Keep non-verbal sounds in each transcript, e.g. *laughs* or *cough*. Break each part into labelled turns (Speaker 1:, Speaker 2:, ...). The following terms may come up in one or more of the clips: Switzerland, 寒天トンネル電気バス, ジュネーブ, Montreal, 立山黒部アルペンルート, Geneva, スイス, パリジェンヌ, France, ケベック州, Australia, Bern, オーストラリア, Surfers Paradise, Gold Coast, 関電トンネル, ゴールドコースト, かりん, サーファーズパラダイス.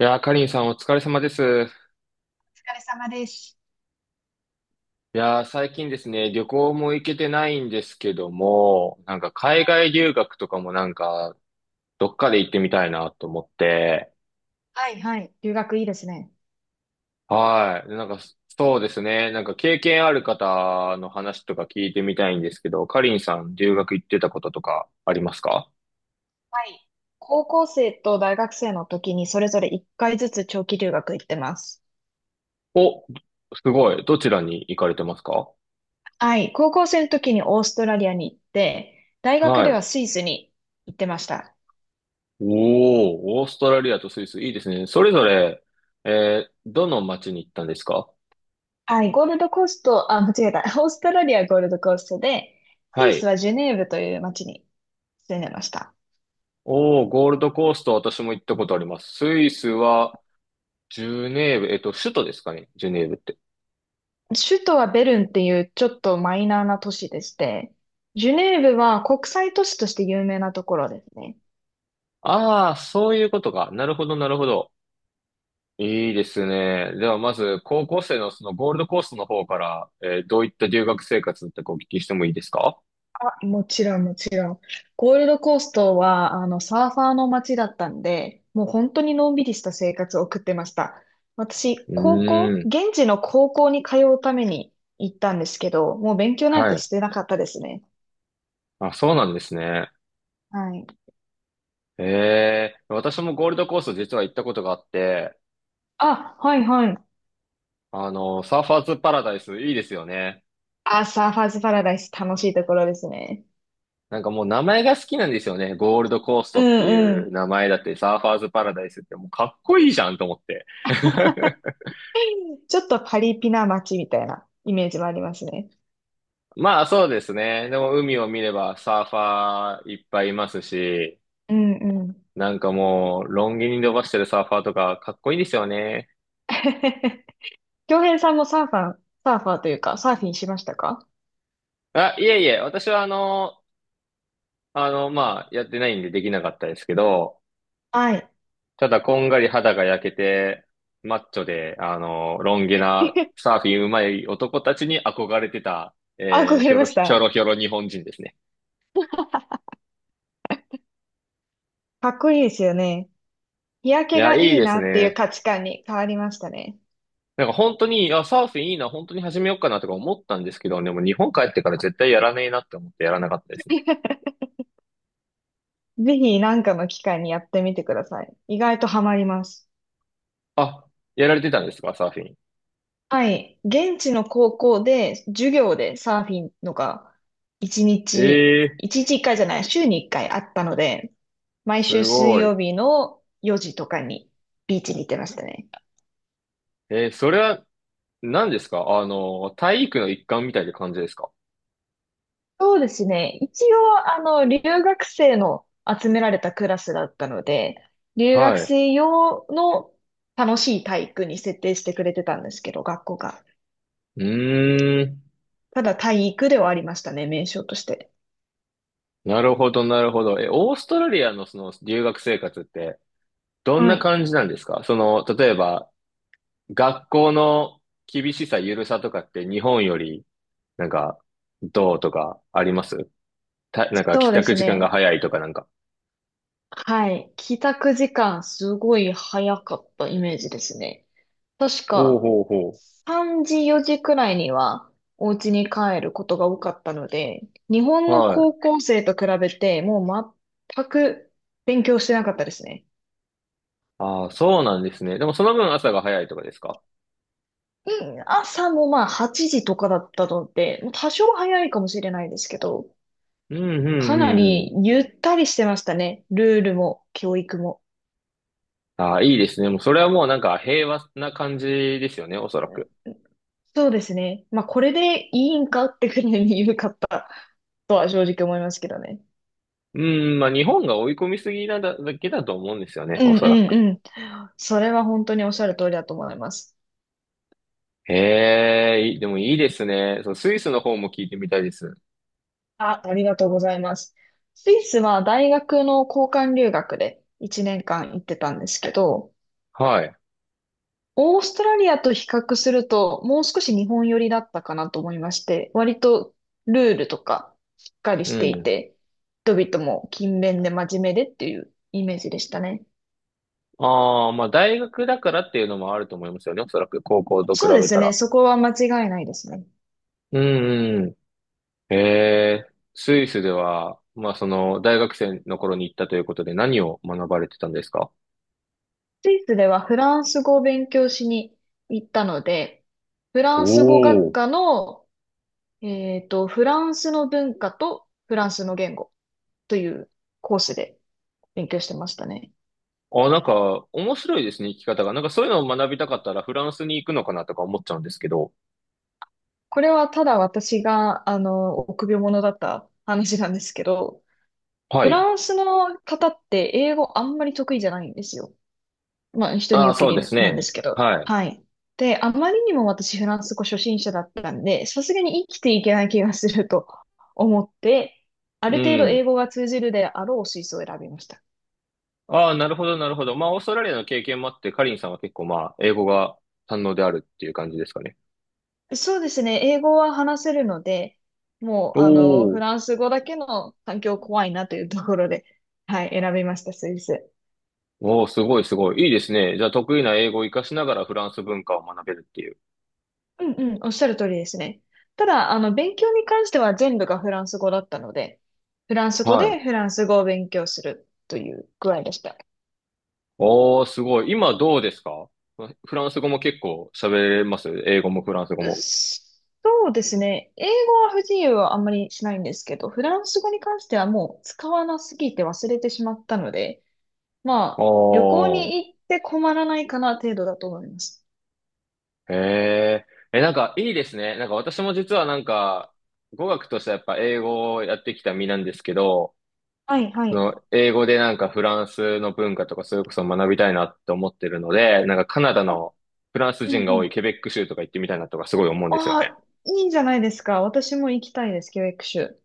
Speaker 1: いやー、かりんさんお疲れ様です。
Speaker 2: お疲れ様です。
Speaker 1: いやー、最近ですね、旅行も行けてないんですけども、なんか海外留学とかもなんか、どっかで行ってみたいなと思って、
Speaker 2: はいはい。留学いいですね。
Speaker 1: はい。なんか、そうですね、なんか経験ある方の話とか聞いてみたいんですけど、かりんさん留学行ってたこととかありますか？
Speaker 2: はい。高校生と大学生の時にそれぞれ1回ずつ長期留学行ってます。
Speaker 1: お、すごい。どちらに行かれてますか？
Speaker 2: はい。高校生の時にオーストラリアに行って、大学
Speaker 1: は
Speaker 2: で
Speaker 1: い。
Speaker 2: はスイスに行ってました。
Speaker 1: おー、オーストラリアとスイス、いいですね。それぞれ、どの町に行ったんですか？
Speaker 2: はい。ゴールドコースト、あ、間違えた。*laughs* オーストラリアはゴールドコーストで、ス
Speaker 1: は
Speaker 2: イス
Speaker 1: い。
Speaker 2: はジュネーブという町に住んでました。
Speaker 1: おー、ゴールドコースト、私も行ったことあります。スイスは、ジュネーブ、首都ですかね、ジュネーブって。
Speaker 2: 首都はベルンっていうちょっとマイナーな都市でして、ジュネーブは国際都市として有名なところですね。
Speaker 1: ああ、そういうことか。なるほど、なるほど。いいですね。では、まず、高校生のそのゴールドコーストの方から、どういった留学生活だったかお聞きしてもいいですか？
Speaker 2: もちろん、もちろん。ゴールドコーストは、サーファーの街だったんで、もう本当にのんびりした生活を送ってました。私、
Speaker 1: う
Speaker 2: 高
Speaker 1: ー
Speaker 2: 校、
Speaker 1: ん。
Speaker 2: 現地の高校に通うために行ったんですけど、もう勉強なん
Speaker 1: は
Speaker 2: て
Speaker 1: い。
Speaker 2: してなかったですね。
Speaker 1: あ、そうなんですね。
Speaker 2: はい。
Speaker 1: ええ、私もゴールドコースト実は行ったことがあって、
Speaker 2: あ、はいはい。
Speaker 1: サーファーズパラダイス、いいですよね。
Speaker 2: あ、サーファーズパラダイス楽しいところですね。
Speaker 1: なんかもう名前が好きなんですよね。ゴールドコース
Speaker 2: う
Speaker 1: トってい
Speaker 2: んう
Speaker 1: う
Speaker 2: ん。
Speaker 1: 名前だって、サーファーズパラダイスってもうかっこいいじゃんと思って。*laughs*
Speaker 2: ちょっとパリピな街みたいなイメージもありますね。
Speaker 1: まあそうですね。でも海を見ればサーファーいっぱいいますし、
Speaker 2: うんうん。
Speaker 1: なんかもうロン毛に伸ばしてるサーファーとかかっこいいですよね。
Speaker 2: *laughs* 京平さんもサーファーというか、サーフィンしましたか？
Speaker 1: あ、いえいえ、私はまあやってないんでできなかったですけど、
Speaker 2: はい。
Speaker 1: ただ、こんがり肌が焼けて、マッチョで、ロン毛な
Speaker 2: *laughs*
Speaker 1: サーフィン上手い男たちに憧れてた、
Speaker 2: 憧
Speaker 1: ひ
Speaker 2: れ
Speaker 1: ょ
Speaker 2: ま
Speaker 1: ろ
Speaker 2: し
Speaker 1: ひょ
Speaker 2: た
Speaker 1: ろひょろ日本人ですね。
Speaker 2: かっこいいですよね。日焼
Speaker 1: い
Speaker 2: け
Speaker 1: や、
Speaker 2: が
Speaker 1: いい
Speaker 2: いい
Speaker 1: です
Speaker 2: なっていう
Speaker 1: ね。
Speaker 2: 価値観に変わりましたね。
Speaker 1: なんか本当に、いや、サーフィンいいな、本当に始めようかなとか思ったんですけど、でも日本帰ってから絶対やらねえなって思ってやらなかったですね。
Speaker 2: ぜひ何かの機会にやってみてください。意外とハマります。
Speaker 1: あ、やられてたんですか、サーフィン。
Speaker 2: はい。現地の高校で授業でサーフィンのが一
Speaker 1: え
Speaker 2: 日、
Speaker 1: えー、
Speaker 2: 一回じゃない、週に一回あったので、毎週
Speaker 1: す
Speaker 2: 水
Speaker 1: ごい。
Speaker 2: 曜日の4時とかにビーチに行ってましたね。
Speaker 1: それは何ですか、体育の一環みたいな感じですか？
Speaker 2: そうですね。一応、留学生の集められたクラスだったので、留
Speaker 1: は
Speaker 2: 学
Speaker 1: い。う
Speaker 2: 生用の楽しい体育に設定してくれてたんですけど、学校が。
Speaker 1: ーん。
Speaker 2: ただ体育ではありましたね、名称として。
Speaker 1: なるほど、なるほど。え、オーストラリアのその留学生活ってどん
Speaker 2: は
Speaker 1: な
Speaker 2: い。
Speaker 1: 感じなんですか？その、例えば、学校の厳しさ、緩さとかって日本より、なんか、どうとかありますなんか
Speaker 2: そ
Speaker 1: 帰
Speaker 2: うで
Speaker 1: 宅
Speaker 2: す
Speaker 1: 時間が
Speaker 2: ね。
Speaker 1: 早いとかなんか。
Speaker 2: はい。帰宅時間、すごい早かったイメージですね。確
Speaker 1: おう
Speaker 2: か、
Speaker 1: ほうほ
Speaker 2: 3時4時くらいにはお家に帰ることが多かったので、日
Speaker 1: う。
Speaker 2: 本の
Speaker 1: はい。
Speaker 2: 高校生と比べてもう全く勉強してなかったですね。
Speaker 1: ああ、そうなんですね。でもその分朝が早いとかですか？
Speaker 2: うん、朝もまあ8時とかだったので、もう多少早いかもしれないですけど、
Speaker 1: うんう
Speaker 2: かな
Speaker 1: んうんう
Speaker 2: り
Speaker 1: ん。
Speaker 2: ゆったりしてましたね。ルールも教育も。
Speaker 1: ああ、いいですね。もうそれはもうなんか平和な感じですよね、おそらく。
Speaker 2: そうですね。まあこれでいいんかってくらいに緩かったとは正直思いますけどね。
Speaker 1: うん、まあ日本が追い込みすぎなだけだと思うんですよね、
Speaker 2: う
Speaker 1: お
Speaker 2: んう
Speaker 1: そらく。
Speaker 2: んうん。それは本当におっしゃる通りだと思います。
Speaker 1: ええ、いいでもいいですね。そう、スイスの方も聞いてみたいです。
Speaker 2: あ、ありがとうございます。スイスは大学の交換留学で1年間行ってたんですけど、
Speaker 1: はい。
Speaker 2: オーストラリアと比較するともう少し日本寄りだったかなと思いまして、割とルールとかしっかり
Speaker 1: う
Speaker 2: してい
Speaker 1: ん。
Speaker 2: て、人々も勤勉で真面目でっていうイメージでしたね。
Speaker 1: ああ、まあ大学だからっていうのもあると思いますよね。おそらく高校と比
Speaker 2: そうで
Speaker 1: べ
Speaker 2: す
Speaker 1: た
Speaker 2: ね、
Speaker 1: ら。
Speaker 2: そこは間違いないですね。
Speaker 1: うんうん。ええ、スイスでは、まあその大学生の頃に行ったということで何を学ばれてたんですか？
Speaker 2: スイスではフランス語を勉強しに行ったので、フ
Speaker 1: お
Speaker 2: ランス語学
Speaker 1: お、
Speaker 2: 科のフランスの文化とフランスの言語というコースで勉強してましたね。
Speaker 1: あ、なんか面白いですね、生き方が。なんかそういうのを学びたかったらフランスに行くのかなとか思っちゃうんですけど。
Speaker 2: これはただ私が、臆病者だった話なんですけど、
Speaker 1: は
Speaker 2: フ
Speaker 1: い。
Speaker 2: ランスの方って英語あんまり得意じゃないんですよ。まあ、人に
Speaker 1: ああ、
Speaker 2: 受け
Speaker 1: そうで
Speaker 2: り
Speaker 1: す
Speaker 2: なんで
Speaker 1: ね。
Speaker 2: すけど。
Speaker 1: はい。
Speaker 2: はい。で、あまりにも私フランス語初心者だったんで、さすがに生きていけない気がすると思って、あ
Speaker 1: う
Speaker 2: る程度英
Speaker 1: ん。
Speaker 2: 語が通じるであろう水素を選びました。
Speaker 1: ああ、なるほど、なるほど。まあ、オーストラリアの経験もあって、カリンさんは結構まあ、英語が堪能であるっていう感じですかね。
Speaker 2: そうですね。英語は話せるので、もう、
Speaker 1: お
Speaker 2: フ
Speaker 1: お。
Speaker 2: ランス語だけの環境怖いなというところで、はい、選びました、スイス。
Speaker 1: おお、すごい、すごい。いいですね。じゃあ、得意な英語を活かしながらフランス文化を学べるっていう。
Speaker 2: うんうん、おっしゃる通りですね。ただ、勉強に関しては全部がフランス語だったので、フランス語
Speaker 1: は
Speaker 2: でフ
Speaker 1: い。
Speaker 2: ランス語を勉強するという具合でした。
Speaker 1: おお、すごい。今どうですか？フランス語も結構喋れます、英語もフランス語も。
Speaker 2: そうですね。英語は不自由はあんまりしないんですけど、フランス語に関してはもう使わなすぎて忘れてしまったので、まあ、旅行
Speaker 1: おー。
Speaker 2: に行って困らないかな程度だと思います。
Speaker 1: へえ。え、なんかいいですね。なんか私も実はなんか、語学としてはやっぱ英語をやってきた身なんですけど、
Speaker 2: はい、は
Speaker 1: そ
Speaker 2: い。
Speaker 1: の、英語でなんかフランスの文化とかそれこそ学びたいなって思ってるので、なんかカナダ
Speaker 2: あ、
Speaker 1: のフランス
Speaker 2: うん
Speaker 1: 人が
Speaker 2: う
Speaker 1: 多
Speaker 2: ん。
Speaker 1: いケベック州とか行ってみたいなとかすごい思うんですよ
Speaker 2: あ
Speaker 1: ね。
Speaker 2: あ、いいんじゃないですか。私も行きたいです。教ク州。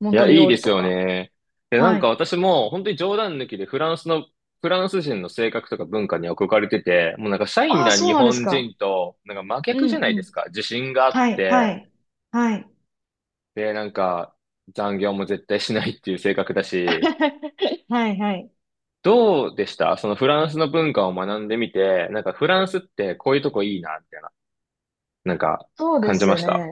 Speaker 2: モ
Speaker 1: い
Speaker 2: ント
Speaker 1: や、
Speaker 2: リ
Speaker 1: い
Speaker 2: オ
Speaker 1: い
Speaker 2: ー
Speaker 1: で
Speaker 2: ル
Speaker 1: す
Speaker 2: と
Speaker 1: よ
Speaker 2: か。
Speaker 1: ね。で、な
Speaker 2: は
Speaker 1: んか
Speaker 2: い。
Speaker 1: 私も本当に冗談抜きでフランスの、フランス人の性格とか文化に憧れてて、もうなんかシャイ
Speaker 2: ああ、
Speaker 1: な
Speaker 2: そ
Speaker 1: 日
Speaker 2: うなんです
Speaker 1: 本
Speaker 2: か。
Speaker 1: 人と、なんか真
Speaker 2: う
Speaker 1: 逆じゃ
Speaker 2: ん
Speaker 1: ない
Speaker 2: う
Speaker 1: です
Speaker 2: ん。
Speaker 1: か。自信があっ
Speaker 2: はい、
Speaker 1: て、
Speaker 2: はい。はい、
Speaker 1: で、なんか残業も絶対しないっていう性格だし、
Speaker 2: *laughs* はい、はい。
Speaker 1: どうでした、そのフランスの文化を学んでみて、なんかフランスってこういうとこいいな、みたいな、なんか
Speaker 2: そうで
Speaker 1: 感じま
Speaker 2: す
Speaker 1: し
Speaker 2: ね。
Speaker 1: た？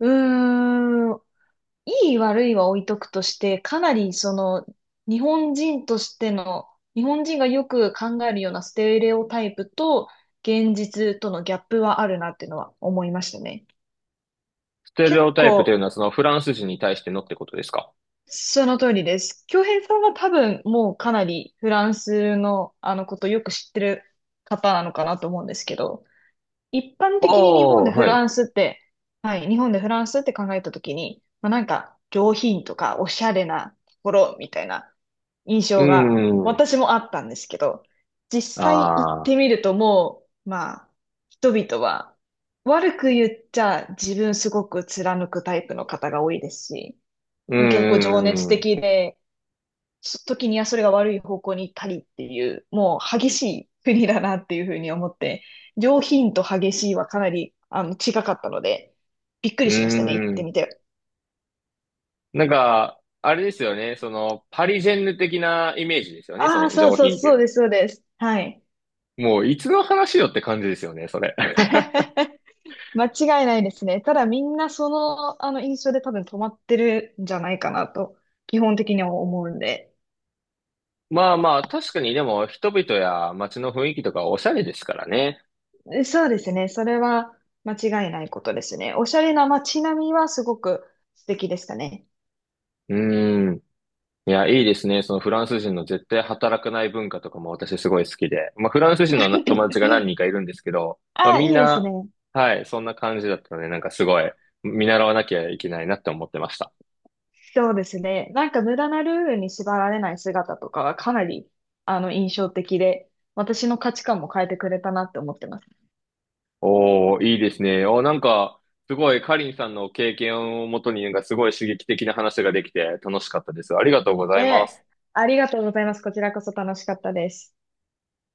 Speaker 2: うーん。いい悪いは置いとくとして、かなりその日本人としての、日本人がよく考えるようなステレオタイプと現実とのギャップはあるなっていうのは思いましたね。
Speaker 1: ステレ
Speaker 2: 結
Speaker 1: オタイプという
Speaker 2: 構
Speaker 1: のはそのフランス人に対してのってことですか？
Speaker 2: その通りです。京平さんは多分もうかなりフランスのことよく知ってる方なのかなと思うんですけど、一般的に日本
Speaker 1: お
Speaker 2: で
Speaker 1: ー、
Speaker 2: フ
Speaker 1: はい。
Speaker 2: ラ
Speaker 1: う
Speaker 2: ンスって、はい、日本でフランスって考えたときに、まあ、なんか上品とかおしゃれなところみたいな印
Speaker 1: ー
Speaker 2: 象が
Speaker 1: ん。
Speaker 2: 私もあったんですけど、実際行っ
Speaker 1: あ
Speaker 2: て
Speaker 1: あ。
Speaker 2: みるともう、まあ、人々は悪く言っちゃ自分すごく貫くタイプの方が多いですし、
Speaker 1: うー
Speaker 2: 結構情熱
Speaker 1: ん。う
Speaker 2: 的で、そ時にはそれが悪い方向に行ったりっていう、もう激しい国だなっていうふうに思って、上品と激しいはかなり近かったので、びっく
Speaker 1: ー
Speaker 2: りしましたね、行って
Speaker 1: ん。
Speaker 2: みて。
Speaker 1: なんか、あれですよね。その、パリジェンヌ的なイメージですよね。そ
Speaker 2: ああ、
Speaker 1: の
Speaker 2: そう
Speaker 1: 上
Speaker 2: そう、
Speaker 1: 品ってい
Speaker 2: そう
Speaker 1: う
Speaker 2: です、そうです。はい。
Speaker 1: の。もう、いつの話よって感じですよね、それ。*laughs*
Speaker 2: 間違いないですね。ただみんなその、あの印象で多分止まってるんじゃないかなと、基本的には思うんで。
Speaker 1: まあまあ、確かにでも人々や街の雰囲気とかおしゃれですからね。
Speaker 2: そうですね。それは間違いないことですね。おしゃれな街並みはすごく素敵でしたね。
Speaker 1: うーん。いや、いいですね。そのフランス人の絶対働かない文化とかも私すごい好きで。まあ、フランス人のな友達が何
Speaker 2: *laughs*
Speaker 1: 人かいるんですけど、まあ、
Speaker 2: あ、
Speaker 1: みん
Speaker 2: いいですね。
Speaker 1: な、はい、そんな感じだったので、なんかすごい見習わなきゃいけないなって思ってました。
Speaker 2: そうですね。なんか無駄なルールに縛られない姿とかはかなり、印象的で、私の価値観も変えてくれたなって思ってます。
Speaker 1: おー、いいですね。おー、なんか、すごいカリンさんの経験をもとに、なんかすごい刺激的な話ができて楽しかったです。ありがとうござ
Speaker 2: え
Speaker 1: います。
Speaker 2: え、ありがとうございます。こちらこそ楽しかったです。